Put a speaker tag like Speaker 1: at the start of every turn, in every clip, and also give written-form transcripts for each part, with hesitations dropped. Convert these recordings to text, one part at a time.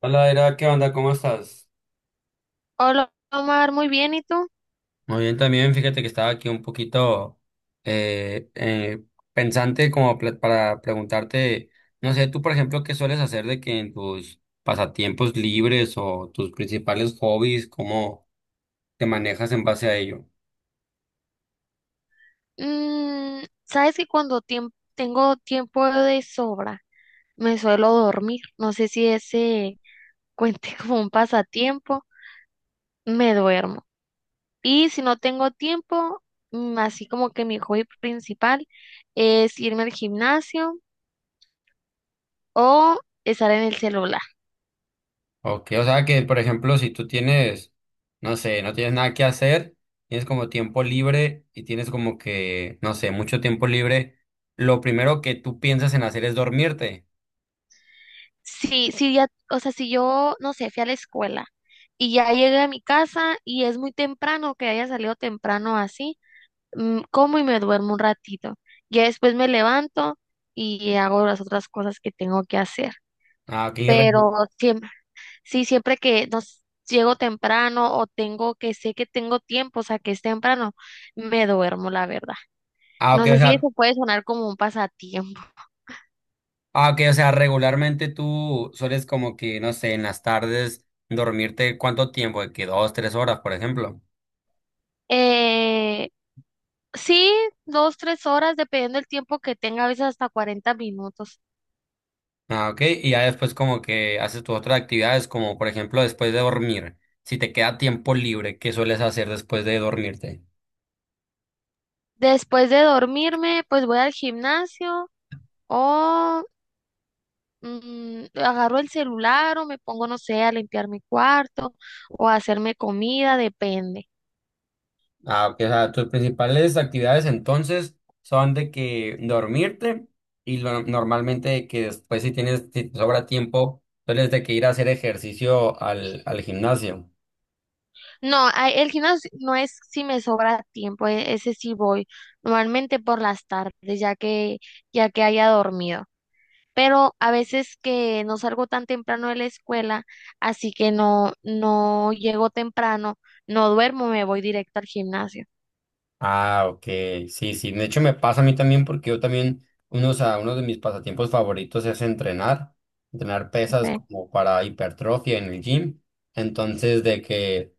Speaker 1: Hola, Era, ¿qué onda? ¿Cómo estás?
Speaker 2: Hola Omar, muy bien, ¿y tú?
Speaker 1: Muy bien también, fíjate que estaba aquí un poquito eh, eh, pensante como para preguntarte, no sé, tú por ejemplo, ¿qué sueles hacer de que en tus pasatiempos libres o tus principales hobbies, cómo te manejas en base a ello?
Speaker 2: Mm, sabes que cuando tengo tiempo de sobra, me suelo dormir. No sé si ese cuente como un pasatiempo, me duermo. Y si no tengo tiempo, así como que mi hobby principal es irme al gimnasio o estar en el celular.
Speaker 1: Ok, o sea que por ejemplo, si tú tienes, no sé, no tienes nada que hacer, tienes como tiempo libre y tienes como que, no sé, mucho tiempo libre, lo primero que tú piensas en hacer es dormirte.
Speaker 2: Sí, sí, ya, o sea, si yo, no sé, fui a la escuela y ya llegué a mi casa y es muy temprano, que haya salido temprano así. Como y me duermo un ratito. Ya después me levanto y hago las otras cosas que tengo que hacer.
Speaker 1: Ah, ok.
Speaker 2: Pero siempre, sí, siempre que nos llego temprano o tengo que sé que tengo tiempo, o sea, que es temprano, me duermo, la verdad.
Speaker 1: Ah,
Speaker 2: No
Speaker 1: ok, o
Speaker 2: sé si
Speaker 1: sea,
Speaker 2: eso puede sonar como un pasatiempo.
Speaker 1: ah, ok, o sea, regularmente tú sueles como que, no sé, en las tardes dormirte cuánto tiempo, de que dos, tres horas, por ejemplo.
Speaker 2: Eh, sí, dos, 3 horas, dependiendo del tiempo que tenga, a veces hasta 40 minutos.
Speaker 1: Ah, ok, y ya después como que haces tus otras actividades, como por ejemplo después de dormir, si te queda tiempo libre, ¿qué sueles hacer después de dormirte?
Speaker 2: Después de dormirme, pues voy al gimnasio o agarro el celular o me pongo, no sé, a limpiar mi cuarto o a hacerme comida, depende.
Speaker 1: Ah, ok, o sea, tus principales actividades entonces son de que dormirte y normalmente de que después si tienes, si te sobra tiempo, sueles de que ir a hacer ejercicio al gimnasio.
Speaker 2: No, el gimnasio no es si me sobra tiempo, ese sí voy, normalmente por las tardes, ya que haya dormido. Pero a veces que no salgo tan temprano de la escuela, así que no, no llego temprano, no duermo, me voy directo al gimnasio.
Speaker 1: Ah, ok, sí, sí, de hecho me pasa a mí también porque yo también, unos a sea, uno de mis pasatiempos favoritos es entrenar, entrenar pesas como para hipertrofia en el gym, entonces de que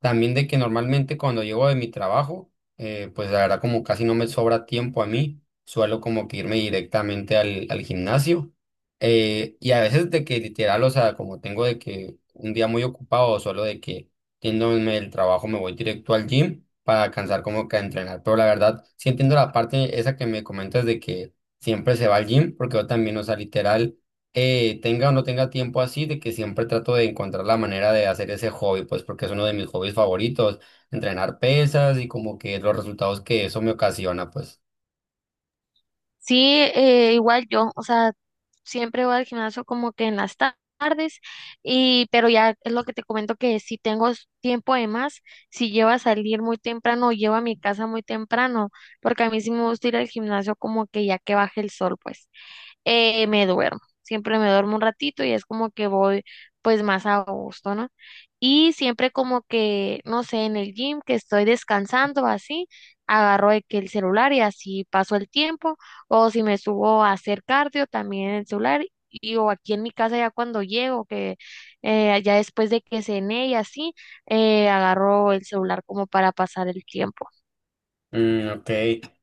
Speaker 1: también de que normalmente cuando llego de mi trabajo, pues la verdad como casi no me sobra tiempo a mí, suelo como que irme directamente al gimnasio. Y a veces de que literal, o sea, como tengo de que un día muy ocupado, solo de que yéndome del trabajo me voy directo al gym para alcanzar como que a entrenar. Pero la verdad, sí entiendo la parte esa que me comentas de que siempre se va al gym, porque yo también, o sea, literal tenga o no tenga tiempo así, de que siempre trato de encontrar la manera de hacer ese hobby, pues porque es uno de mis hobbies favoritos, entrenar pesas y como que los resultados que eso me ocasiona, pues.
Speaker 2: Sí, igual yo, o sea, siempre voy al gimnasio como que en las tardes y pero ya es lo que te comento que si tengo tiempo de más, si llevo a salir muy temprano o llevo a mi casa muy temprano, porque a mí sí me gusta ir al gimnasio como que ya que baje el sol, pues me duermo. Siempre me duermo un ratito y es como que voy pues más a gusto, ¿no? Y siempre como que, no sé, en el gym que estoy descansando así, agarro de que el celular y así paso el tiempo, o si me subo a hacer cardio también en el celular, y o aquí en mi casa ya cuando llego, que ya después de que cené y así, agarro el celular como para pasar el tiempo.
Speaker 1: Mm, ok.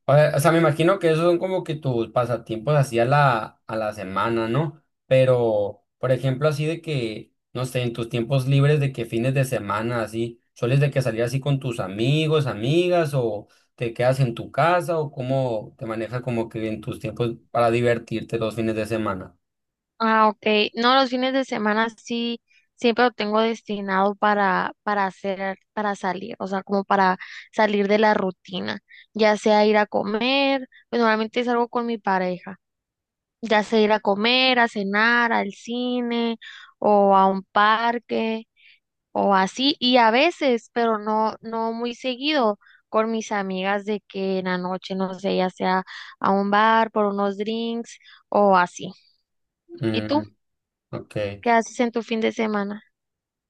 Speaker 1: O sea, me imagino que esos son como que tus pasatiempos así a a la semana, ¿no? Pero, por ejemplo, así de que, no sé, en tus tiempos libres de que fines de semana, así, ¿sueles de que salir así con tus amigos, amigas, o te quedas en tu casa, o cómo te manejas como que en tus tiempos para divertirte los fines de semana?
Speaker 2: Ah, ok. No, los fines de semana sí, siempre lo tengo destinado para hacer, para salir, o sea, como para salir de la rutina, ya sea ir a comer, pues normalmente salgo con mi pareja, ya sea ir a comer, a cenar, al cine o a un parque o así, y a veces, pero no, no muy seguido, con mis amigas de que en la noche, no sé, ya sea a un bar por unos drinks o así. ¿Y
Speaker 1: Mm,
Speaker 2: tú?
Speaker 1: ok.
Speaker 2: ¿Qué haces en tu fin de semana?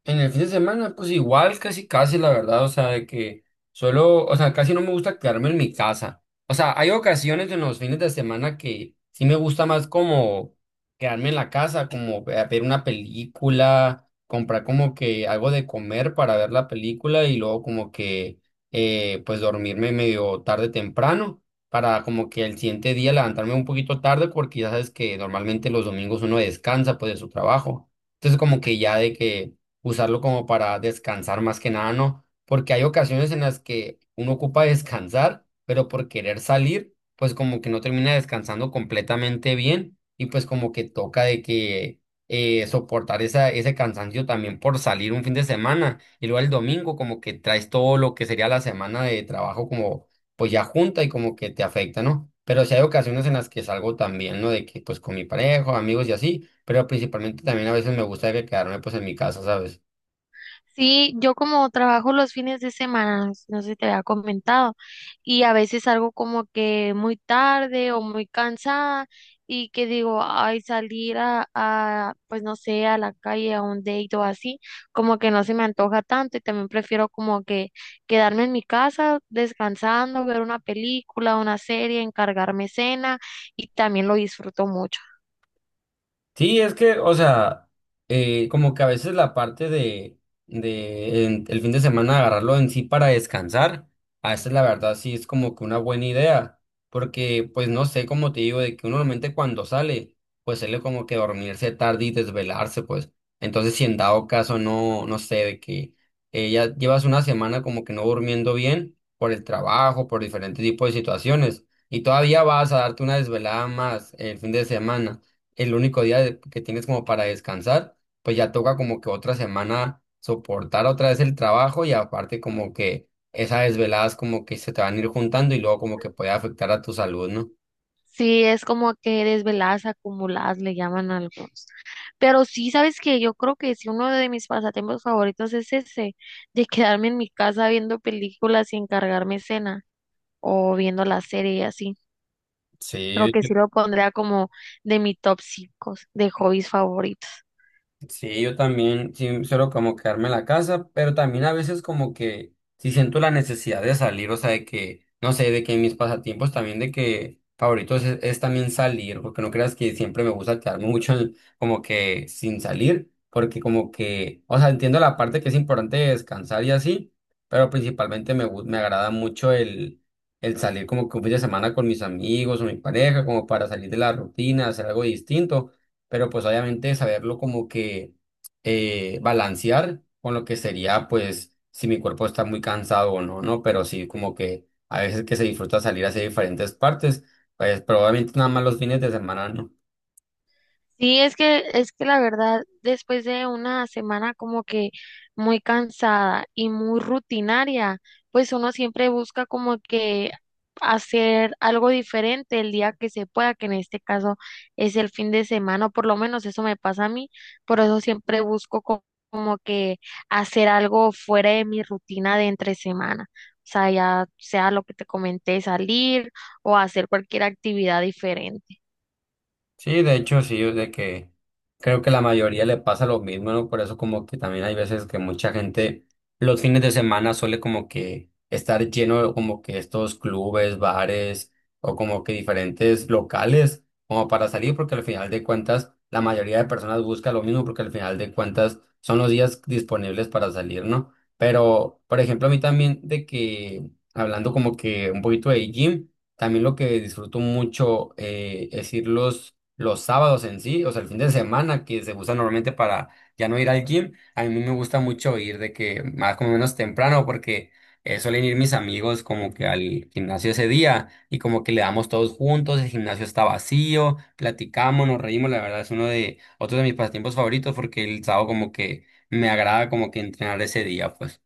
Speaker 1: En el fin de semana, pues igual, casi, casi, la verdad, o sea, de que solo, o sea, casi no me gusta quedarme en mi casa. O sea, hay ocasiones en los fines de semana que sí me gusta más como quedarme en la casa, como ver una película, comprar como que algo de comer para ver la película y luego como que, pues dormirme medio tarde temprano para como que el siguiente día levantarme un poquito tarde porque ya sabes que normalmente los domingos uno descansa pues de su trabajo. Entonces como que ya de que usarlo como para descansar más que nada, ¿no? Porque hay ocasiones en las que uno ocupa descansar, pero por querer salir, pues como que no termina descansando completamente bien y pues como que toca de que soportar esa, ese cansancio también por salir un fin de semana y luego el domingo como que traes todo lo que sería la semana de trabajo como pues ya junta y como que te afecta, ¿no? Pero sí hay ocasiones en las que salgo también, ¿no? De que pues con mi pareja, amigos y así pero principalmente también a veces me gusta que quedarme pues en mi casa, ¿sabes?
Speaker 2: Sí, yo como trabajo los fines de semana, no sé si te había comentado, y a veces salgo como que muy tarde o muy cansada y que digo, ay, salir a, pues no sé, a la calle, a un date o así, como que no se me antoja tanto y también prefiero como que quedarme en mi casa descansando, ver una película, una serie, encargarme cena y también lo disfruto mucho.
Speaker 1: Sí, es que, o sea, como que a veces la parte de el fin de semana agarrarlo en sí para descansar, a veces la verdad sí es como que una buena idea, porque pues no sé, como te digo, de que uno normalmente cuando sale, pues sale como que dormirse tarde y desvelarse, pues. Entonces, si en dado caso no, no sé, de que ya llevas una semana como que no durmiendo bien por el trabajo, por diferentes tipos de situaciones, y todavía vas a darte una desvelada más el fin de semana el único día que tienes como para descansar, pues ya toca como que otra semana soportar otra vez el trabajo y aparte como que esas desveladas como que se te van a ir juntando y luego como que puede afectar a tu salud, ¿no?
Speaker 2: Sí, es como que desveladas acumuladas le llaman algo. Pero sí, sabes que yo creo que sí, uno de mis pasatiempos favoritos es ese, de quedarme en mi casa viendo películas y encargarme cena o viendo la serie y así. Creo
Speaker 1: Sí.
Speaker 2: que sí lo pondría como de mi top 5 de hobbies favoritos.
Speaker 1: Sí, yo también sí suelo como quedarme en la casa, pero también a veces como que sí siento la necesidad de salir, o sea, de que, no sé, de que mis pasatiempos también de que favoritos es también salir, porque no creas que siempre me gusta quedarme mucho como que sin salir, porque como que, o sea, entiendo la parte que es importante de descansar y así, pero principalmente me, me agrada mucho el salir como que un fin de semana con mis amigos o mi pareja, como para salir de la rutina, hacer algo distinto pero pues obviamente saberlo como que balancear con lo que sería pues si mi cuerpo está muy cansado o no, ¿no? Pero sí como que a veces que se disfruta salir hacia diferentes partes, pues probablemente nada más los fines de semana, ¿no?
Speaker 2: Sí, es que la verdad, después de una semana como que muy cansada y muy rutinaria, pues uno siempre busca como que hacer algo diferente el día que se pueda, que en este caso es el fin de semana, o por lo menos eso me pasa a mí, por eso siempre busco como que hacer algo fuera de mi rutina de entre semana. O sea, ya sea lo que te comenté, salir o hacer cualquier actividad diferente.
Speaker 1: Sí, de hecho, sí, es de que creo que la mayoría le pasa lo mismo, ¿no? Por eso como que también hay veces que mucha gente los fines de semana suele como que estar lleno de como que estos clubes, bares o como que diferentes locales como para salir porque al final de cuentas la mayoría de personas busca lo mismo porque al final de cuentas son los días disponibles para salir, ¿no? Pero, por ejemplo, a mí también de que hablando como que un poquito de gym, también lo que disfruto mucho es irlos los sábados en sí, o sea, el fin de semana que se usa normalmente para ya no ir al gym, a mí me gusta mucho ir de que más como menos temprano porque suelen ir mis amigos como que al gimnasio ese día y como que le damos todos juntos, el gimnasio está vacío, platicamos, nos reímos, la verdad es uno de otro de mis pasatiempos favoritos porque el sábado como que me agrada como que entrenar ese día, pues.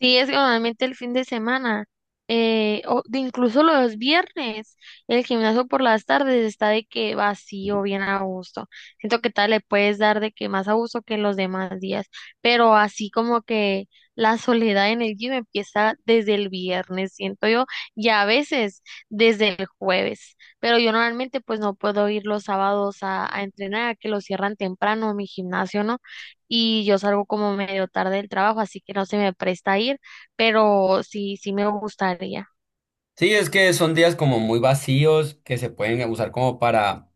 Speaker 2: Sí, es que normalmente el fin de semana, o de incluso los viernes, el gimnasio por las tardes está de que vacío, bien a gusto. Siento que tal le puedes dar de que más a gusto que los demás días, pero así como que la soledad en el gym empieza desde el viernes, siento yo, y a veces desde el jueves. Pero yo normalmente pues no puedo ir los sábados a entrenar, que lo cierran temprano mi gimnasio, ¿no? Y yo salgo como medio tarde del trabajo, así que no se me presta ir, pero sí, sí me gustaría.
Speaker 1: Sí, es que son días como muy vacíos que se pueden usar como para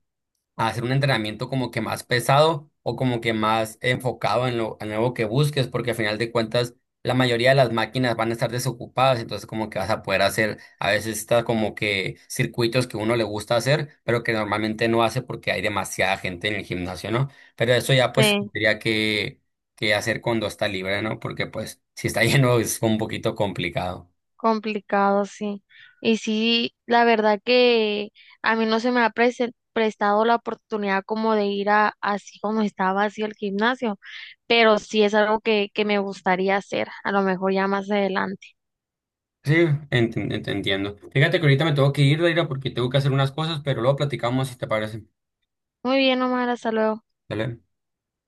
Speaker 1: a hacer un entrenamiento como que más pesado o como que más enfocado en lo, nuevo que busques, porque al final de cuentas la mayoría de las máquinas van a estar desocupadas, entonces como que vas a poder hacer a veces está como que circuitos que uno le gusta hacer, pero que normalmente no hace porque hay demasiada gente en el gimnasio, ¿no? Pero eso ya pues
Speaker 2: Sí,
Speaker 1: tendría que hacer cuando está libre, ¿no? Porque pues si está lleno es un poquito complicado.
Speaker 2: complicado, sí. Y sí, la verdad que a mí no se me ha prestado la oportunidad como de ir a así como estaba así el gimnasio, pero sí es algo que me gustaría hacer, a lo mejor ya más adelante.
Speaker 1: Sí, entiendo. Fíjate que ahorita me tengo que ir, Daira, porque tengo que hacer unas cosas, pero luego platicamos si te parece.
Speaker 2: Muy bien, Omar, hasta luego.
Speaker 1: ¿Vale?